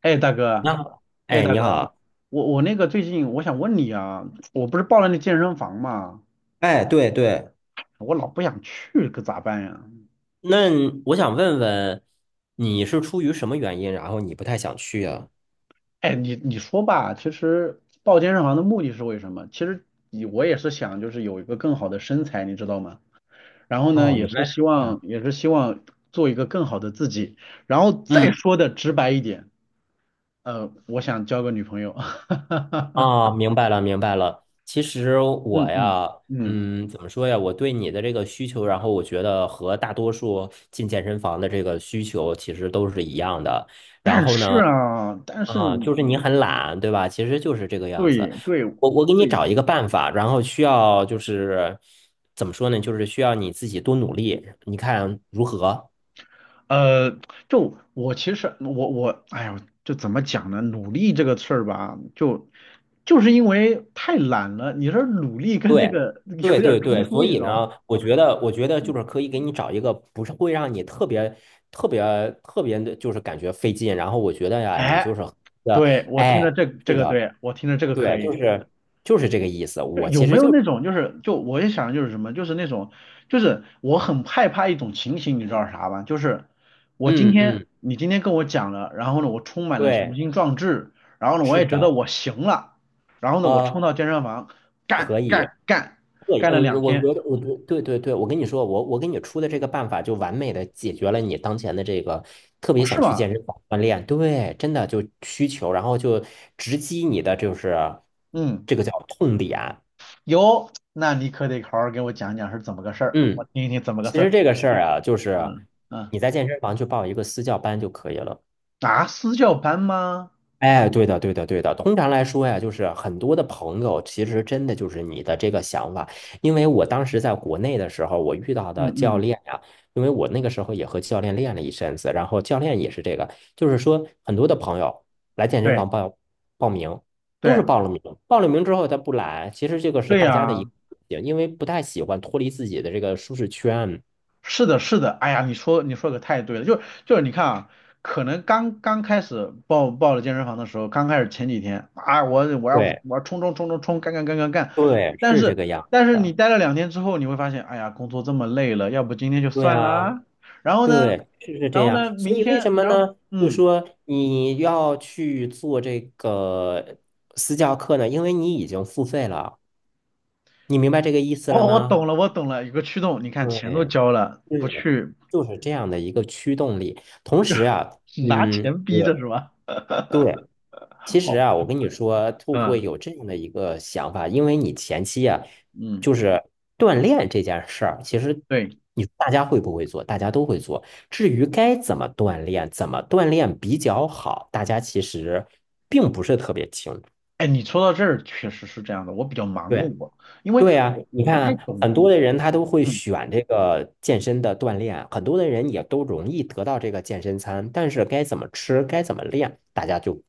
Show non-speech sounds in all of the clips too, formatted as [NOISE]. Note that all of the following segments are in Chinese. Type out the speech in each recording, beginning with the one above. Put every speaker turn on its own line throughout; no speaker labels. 哎，大哥。
那好，
哎，
哎，
大
你
哥，
好，
我那个最近我想问你啊，我不是报了那健身房嘛，
哎，对对，
我老不想去，可咋办呀？
那我想问问，你是出于什么原因，然后你不太想去啊？
哎，你说吧，其实报健身房的目的是为什么？其实你我也是想就是有一个更好的身材，你知道吗？然后呢，
哦，
也
原
是
来是
希
这
望
样。
也是希望做一个更好的自己，然后再
嗯。
说的直白一点，我想交个女朋友。[LAUGHS]
啊，明白了，明白了。其实我
嗯嗯
呀，
嗯。
嗯，怎么说呀？我对你的这个需求，然后我觉得和大多数进健身房的这个需求其实都是一样的。然
但
后
是
呢，
啊，但是
啊，就是你
你。
很懒，对吧？其实就是这个样子。
对对
我给你
对。
找一个办法，然后需要就是怎么说呢？就是需要你自己多努力，你看如何？
呃，就我其实我，哎呦，就怎么讲呢？努力这个事儿吧，就是因为太懒了，你说努力跟这
对，
个有
对
点儿
对
冲
对，
突，
所
你知
以
道吗？
呢，我觉得，我觉得就
嗯。
是可以给你找一个不是会让你特别、特别、特别的，就是感觉费劲。然后我觉得呀，你就
哎，
是的，
对，我听
哎，
着这这
是
个，
的，
对，我听着这个可
对，
以。
就是这个意思。
就
我
有
其
没
实
有
就是，
那种就是就我也想就是什么，就是那种就是我很害怕一种情形，你知道是啥吧？就是我今
嗯
天
嗯，
你今天跟我讲了，然后呢我充满了雄
对，
心壮志，然后呢我
是
也觉
的，
得我行了，然后呢我
呃，
冲到健身房干
可以。
干干，
对，
干了
嗯，
两
我
天。
觉得，我觉得对对对，我跟你说，我给你出的这个办法，就完美的解决了你当前的这个特别
哦
想
是
去
吗？
健身房锻炼，对，真的就需求，然后就直击你的就是
嗯。
这个叫痛点。
有，那你可得好好给我讲讲是怎么个事儿，我
嗯，
听一听怎么个事
其实
儿。
这个事儿啊，就是
嗯嗯。
你在健身房去报一个私教班就可以了。
啊，私教班吗？
哎，对的，对的，对的。通常来说呀，就是很多的朋友，其实真的就是你的这个想法。因为我当时在国内的时候，我遇到的
嗯
教
嗯。
练呀，因为我那个时候也和教练练了一阵子，然后教练也是这个，就是说很多的朋友来健身
对
房报名，都是
对
报了名，报了名之后他不来，其实这个是
对
大家的一
呀。
个，因为不太喜欢脱离自己的这个舒适圈。
是的，是的，哎呀，你说可太对了，就是你看啊，可能刚刚开始报了健身房的时候，刚开始前几天啊，我我要
对，
我要冲冲冲冲冲，干干干干干。
对，
但
是这
是
个样
但是你
子。
待了两天之后，你会发现，哎呀，工作这么累了，要不今天就
对
算
呀，
啦。然后呢，
对，是是这
然后
样。
呢，
所
明
以为
天，
什么
然后
呢？就
嗯，
说你要去做这个私教课呢？因为你已经付费了，你明白这个意思了
哦，我懂
吗？
了，我懂了，有个驱动，你看钱都
对
交了，不
对，
去
就是这样的一个驱动力。同时啊，
拿
嗯，
钱逼着
对
是吧？
对，其
[LAUGHS]
实
好。
啊，我跟你说，兔会
嗯
有这样的一个想法，因为你前期啊，
嗯。
就是锻炼这件事儿，其实
对。
你大家会不会做，大家都会做。至于该怎么锻炼，怎么锻炼比较好，大家其实并不是特别清楚。
哎，你说到这儿确实是这样的，我比较盲
对
目啊，因为
对啊，
我
你
我不太
看
懂。
很多的人他都会
嗯。
选这个健身的锻炼，很多的人也都容易得到这个健身餐，但是该怎么吃，该怎么练，大家就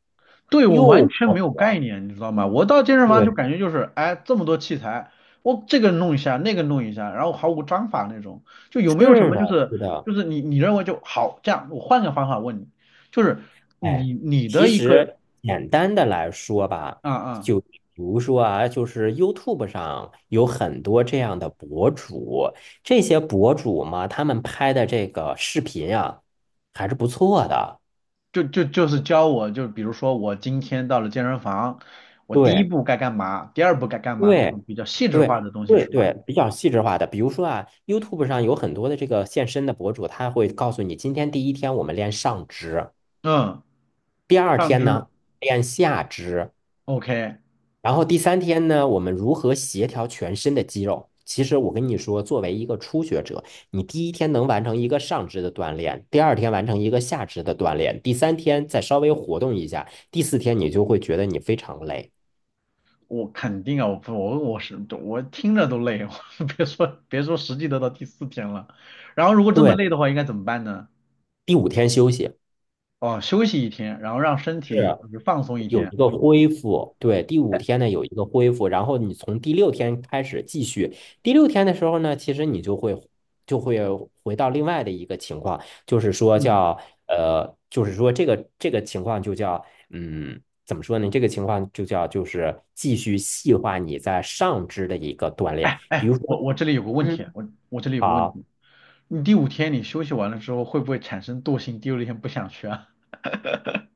对，我
又
完全没
不
有概念，你知道吗？我到健身房就
对，
感觉就是，哎，这么多器材，我这个弄一下，那个弄一下，然后毫无章法那种，就有没有什
是
么就
的，
是
是的。
就是你认为就好这样，我换个方法问你，就是
哎，
你
其
的一个
实简单的来说吧，
啊啊、
就比如说啊，就是 YouTube 上有很多这样的博主，这些博主嘛，他们拍的这个视频啊，还是不错的。
就是教我，就比如说我今天到了健身房，我第一
对
步该干嘛，第二步该干嘛，这
对
种比较细致化
对
的东西
对
是吧？
对，比较细致化的。比如说啊，YouTube 上有很多的这个健身的博主，他会告诉你，今天第一天我们练上肢，
嗯。
第二
上
天
肢。
呢练下肢，
OK。
然后第三天呢，我们如何协调全身的肌肉？其实我跟你说，作为一个初学者，你第一天能完成一个上肢的锻炼，第二天完成一个下肢的锻炼，第三天再稍微活动一下，第四天你就会觉得你非常累。
我肯定啊，我不我我是我听着都累哦。[LAUGHS] 我别说实际得到第四天了。然后如果这么
对，
累的话，应该怎么办呢？
第五天休息。
哦，休息一天，然后让身
是。
体就是放松一
有
天。
一个恢复，对，第五天呢有一个恢复，然后你从第六天开始继续。第六天的时候呢，其实你就会就会回到另外的一个情况，就是说
嗯。
叫呃，就是说这个情况就叫嗯，怎么说呢？这个情况就叫就是继续细化你在上肢的一个锻炼，比
哎，
如
我
说
我这里有个问
嗯。
题啊。我这里有个问
好。
题，你第五天你休息完了之后，会不会产生惰性？第六天不想去啊？[LAUGHS]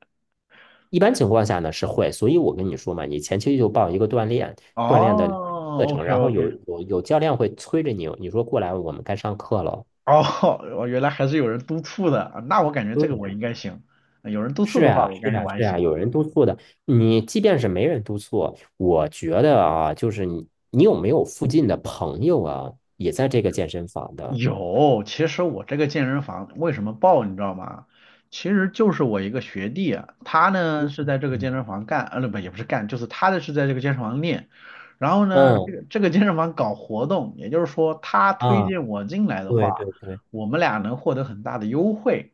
一般情况下呢是会，所以我跟你说嘛，你前期就报一个锻炼的课
哦
程，
，OK
然后
OK。
有教练会催着你，你说过来，我们该上课了。
哦，我原来还是有人督促的，啊那我感觉这个我
对，
应该行，有人督促
是
的话，
呀，
我
是
感觉
呀，
我还
是呀，
行。
有人
嗯。
督促的。你即便是没人督促，我觉得啊，就是你有没有附近的朋友啊，也在这个健身房的？
有，其实我这个健身房为什么爆，你知道吗？其实就是我一个学弟啊，他呢是
嗯
在这个健身房干，不，也不是干，就是他的是在这个健身房练。然后呢，
嗯
这
嗯
个这个健身房搞活动，也就是说他推
啊，
荐我进来的
对
话，
对对。
我们俩能获得很大的优惠，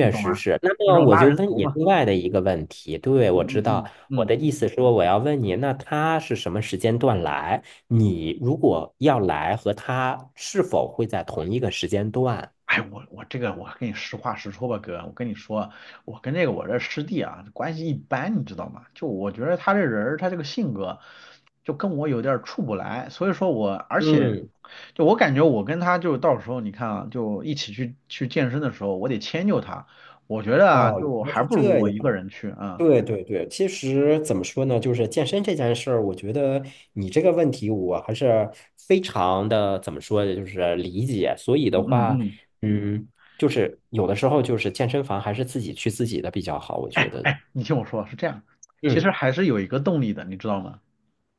你懂
实
吗？
是。那
那
么
种
我
拉
就
人
问
头
你
嘛。
另外的一个问题，对，我知
嗯嗯
道，
嗯
我的
嗯。
意思说我要问你，那他是什么时间段来？你如果要来和他是否会在同一个时间段？
哎，我我这个我跟你实话实说吧，哥，我跟你说，我这师弟啊关系一般，你知道吗？就我觉得他这人儿，他这个性格，就跟我有点儿处不来，所以说我而且
嗯，
就我感觉我跟他，就到时候你看啊，就一起去健身的时候，我得迁就他，我觉得啊
哦，
就
原来
还
是
不如
这
我一个
样。
人去啊。
对对对，其实怎么说呢，就是健身这件事儿，我觉得你这个问题我还是非常的怎么说呢，就是理解。所以
嗯
的
嗯
话，
嗯。
嗯，就是有的时候就是健身房还是自己去自己的比较好，我觉得。
你听我说是这样，其实
嗯，
还是有一个动力的，你知道吗？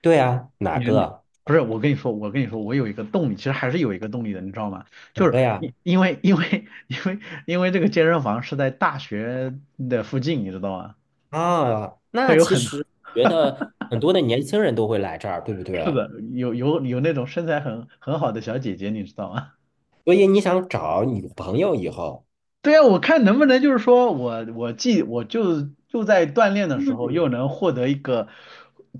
对啊，
你不是，我跟你说，我有一个动力，其实还是有一个动力的，你知道吗？就
哪
是
个呀？
因为 [LAUGHS] 因为这个健身房是在大学的附近，你知道吗？
啊，
会
那
有
其
很多。
实觉得很多的年轻人都会来这儿，对不
[LAUGHS] 是
对？
的，有那种身材很好的小姐姐，你知道吗？
所以你想找女朋友以后，
[LAUGHS] 对啊，我看能不能就是说我既就在锻炼的时
嗯，
候又能获得一个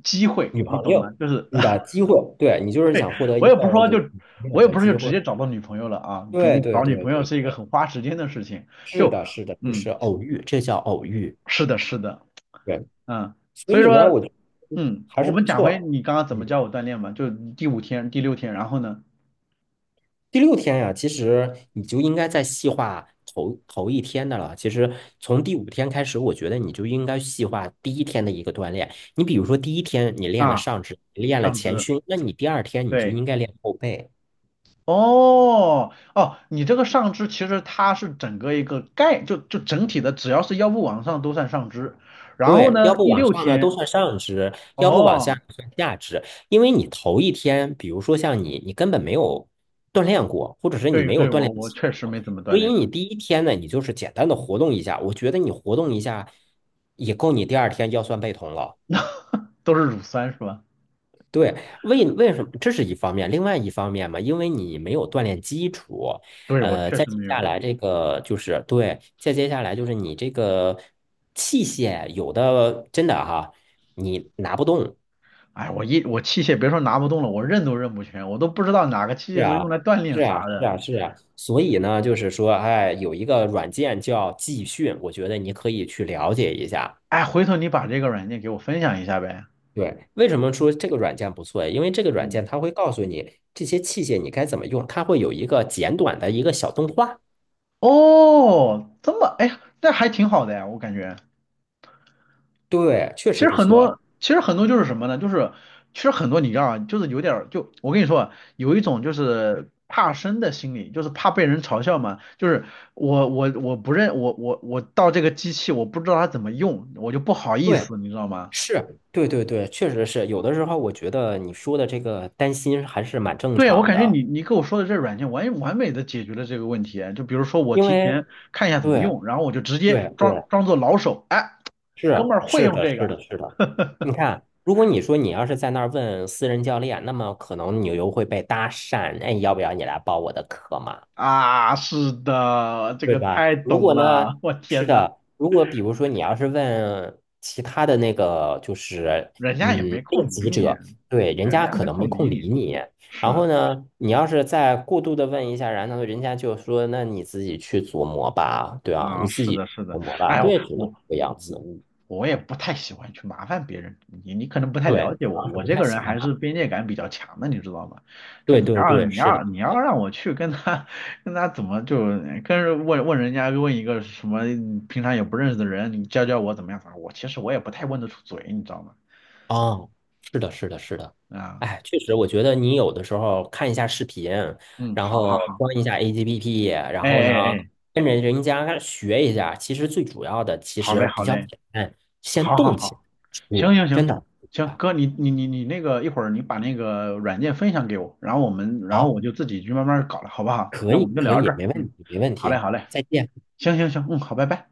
机会，
女
你
朋
懂吗？
友，
就是
你的机会，对，你就是想获得
我
一
也不
个
是说
有
就，
女朋
我
友
也
的
不是就
机
直
会。
接找到女朋友了啊，毕
对
竟
对
找女
对
朋友
对
是一个
对，
很花时间的事情。
是
就，
的，是的，就
嗯，
是偶遇，这叫偶遇。
是的，是的。
对，
嗯。
所
所以
以呢，
说，
我觉得
嗯，
还
我
是
们
不
讲回
错。
你刚刚怎么
嗯。
教我锻炼吧。就第五天、第六天，然后呢，
第六天呀，其实你就应该再细化头一天的了。其实从第五天开始，我觉得你就应该细化第一天的一个锻炼。你比如说，第一天你练了
啊，
上肢，练了
上
前
肢，
胸，那你第二天你就
对，
应该练后背。
哦，哦，你这个上肢其实它是整个一个概，就整体的，只要是腰部往上都算上肢。然后
对，
呢，
要不
第
往
六
上呢都
天。
算上肢，要不往下
哦，
就算下肢，因为你头一天，比如说像你，你根本没有锻炼过，或者是你
对
没
对，
有锻
我
炼
我确实
过，
没怎么锻
所以
炼。
你第一天呢，你就是简单的活动一下，我觉得你活动一下也够你第二天腰酸背痛了。
都是乳酸是吧？
对，为什么？这是一方面，另外一方面嘛，因为你没有锻炼基础，
对，我
呃，
确
再
实
接
没
下
有。
来这个就是对，再接下来就是你这个器械有的真的哈，你拿不动。
哎，我器械别说拿不动了，我认都认不全，我都不知道哪个器
是
械是
啊，
用来锻炼
是
啥
啊，是
的。
啊，是啊。所以呢，就是说，哎，有一个软件叫技训，我觉得你可以去了解一下。
哎，回头你把这个软件给我分享一下呗。
对，为什么说这个软件不错？因为这个软件
嗯。
它会告诉你这些器械你该怎么用，它会有一个简短的一个小动画。
哦，这么，哎，那还挺好的呀，我感觉。
对，确
其
实
实
不
很
错。
多，其实很多就是什么呢？就是其实很多你知道啊，就是有点儿就我跟你说啊有一种就是怕生的心理，就是怕被人嘲笑嘛。就是我我我不认我我我到这个机器，我不知道它怎么用，我就不好意
对，
思，你知道吗？
是，对对对，确实是。有的时候我觉得你说的这个担心还是蛮正
对啊，我
常
感觉
的，
你跟我说的这软件完美的解决了这个问题啊。就比如说我
因
提
为
前看一下怎么
对
用，然后我就直接
对
装
对，
装作老手。哎，
是
哥们儿会
是
用
的，
这
是
个。
的，是的。
[LAUGHS]
你看，如果你说你要是在那儿问私人教练，那么可能你又会被搭讪，哎，要不要你来报我的课嘛？
啊，是的，这
对
个
吧？
太
如
懂
果呢，
了，我
是
天呐，
的，如果比如说你要是问其他的那个，就是
人家也
嗯，
没
练
空理
习
你，
者，对，人
人
家
家
可
没
能没
空理
空
你，
理你。然
是。
后呢，你要是再过度的问一下，然后人家就说，那你自己去琢磨吧，对啊，你
啊，
自
是
己
的，是
琢
的。
磨吧，
哎，
对，只能这个样子。
我我也不太喜欢去麻烦别人，你可能不太了
对，
解
主
我，
要是
我
不
这
太
个
喜
人
欢
还
他。
是边界感比较强的，你知道吗？就
对
你
对
要
对，
你
是的。
要你要让我去跟他 [LAUGHS] 跟他怎么就跟人问问人家问一个什么平常也不认识的人，你教教我怎么样啥，其实我也不太问得出嘴，你知道吗？
哦，是的，是的，是的，
啊。
哎，确实，我觉得你有的时候看一下视频，
嗯。
然
好好
后
好。
装一下 APP，G P P，然
哎
后
哎
呢，
哎。
跟着人家学一下，其实最主要的其
好嘞
实
好
比较
嘞。
简单，先
好好
动起来
好。行
我
行
真
行
的。
行，
啊
哥，你那个一会儿你把那个软件分享给我，然后我们然后
好，
我就自己去慢慢搞了，好不好？
可
那我
以，
们就
可
聊到
以，
这儿，
没
嗯。
问题，没问
好嘞
题，
好嘞。
再见。
行行行。嗯。好，拜拜。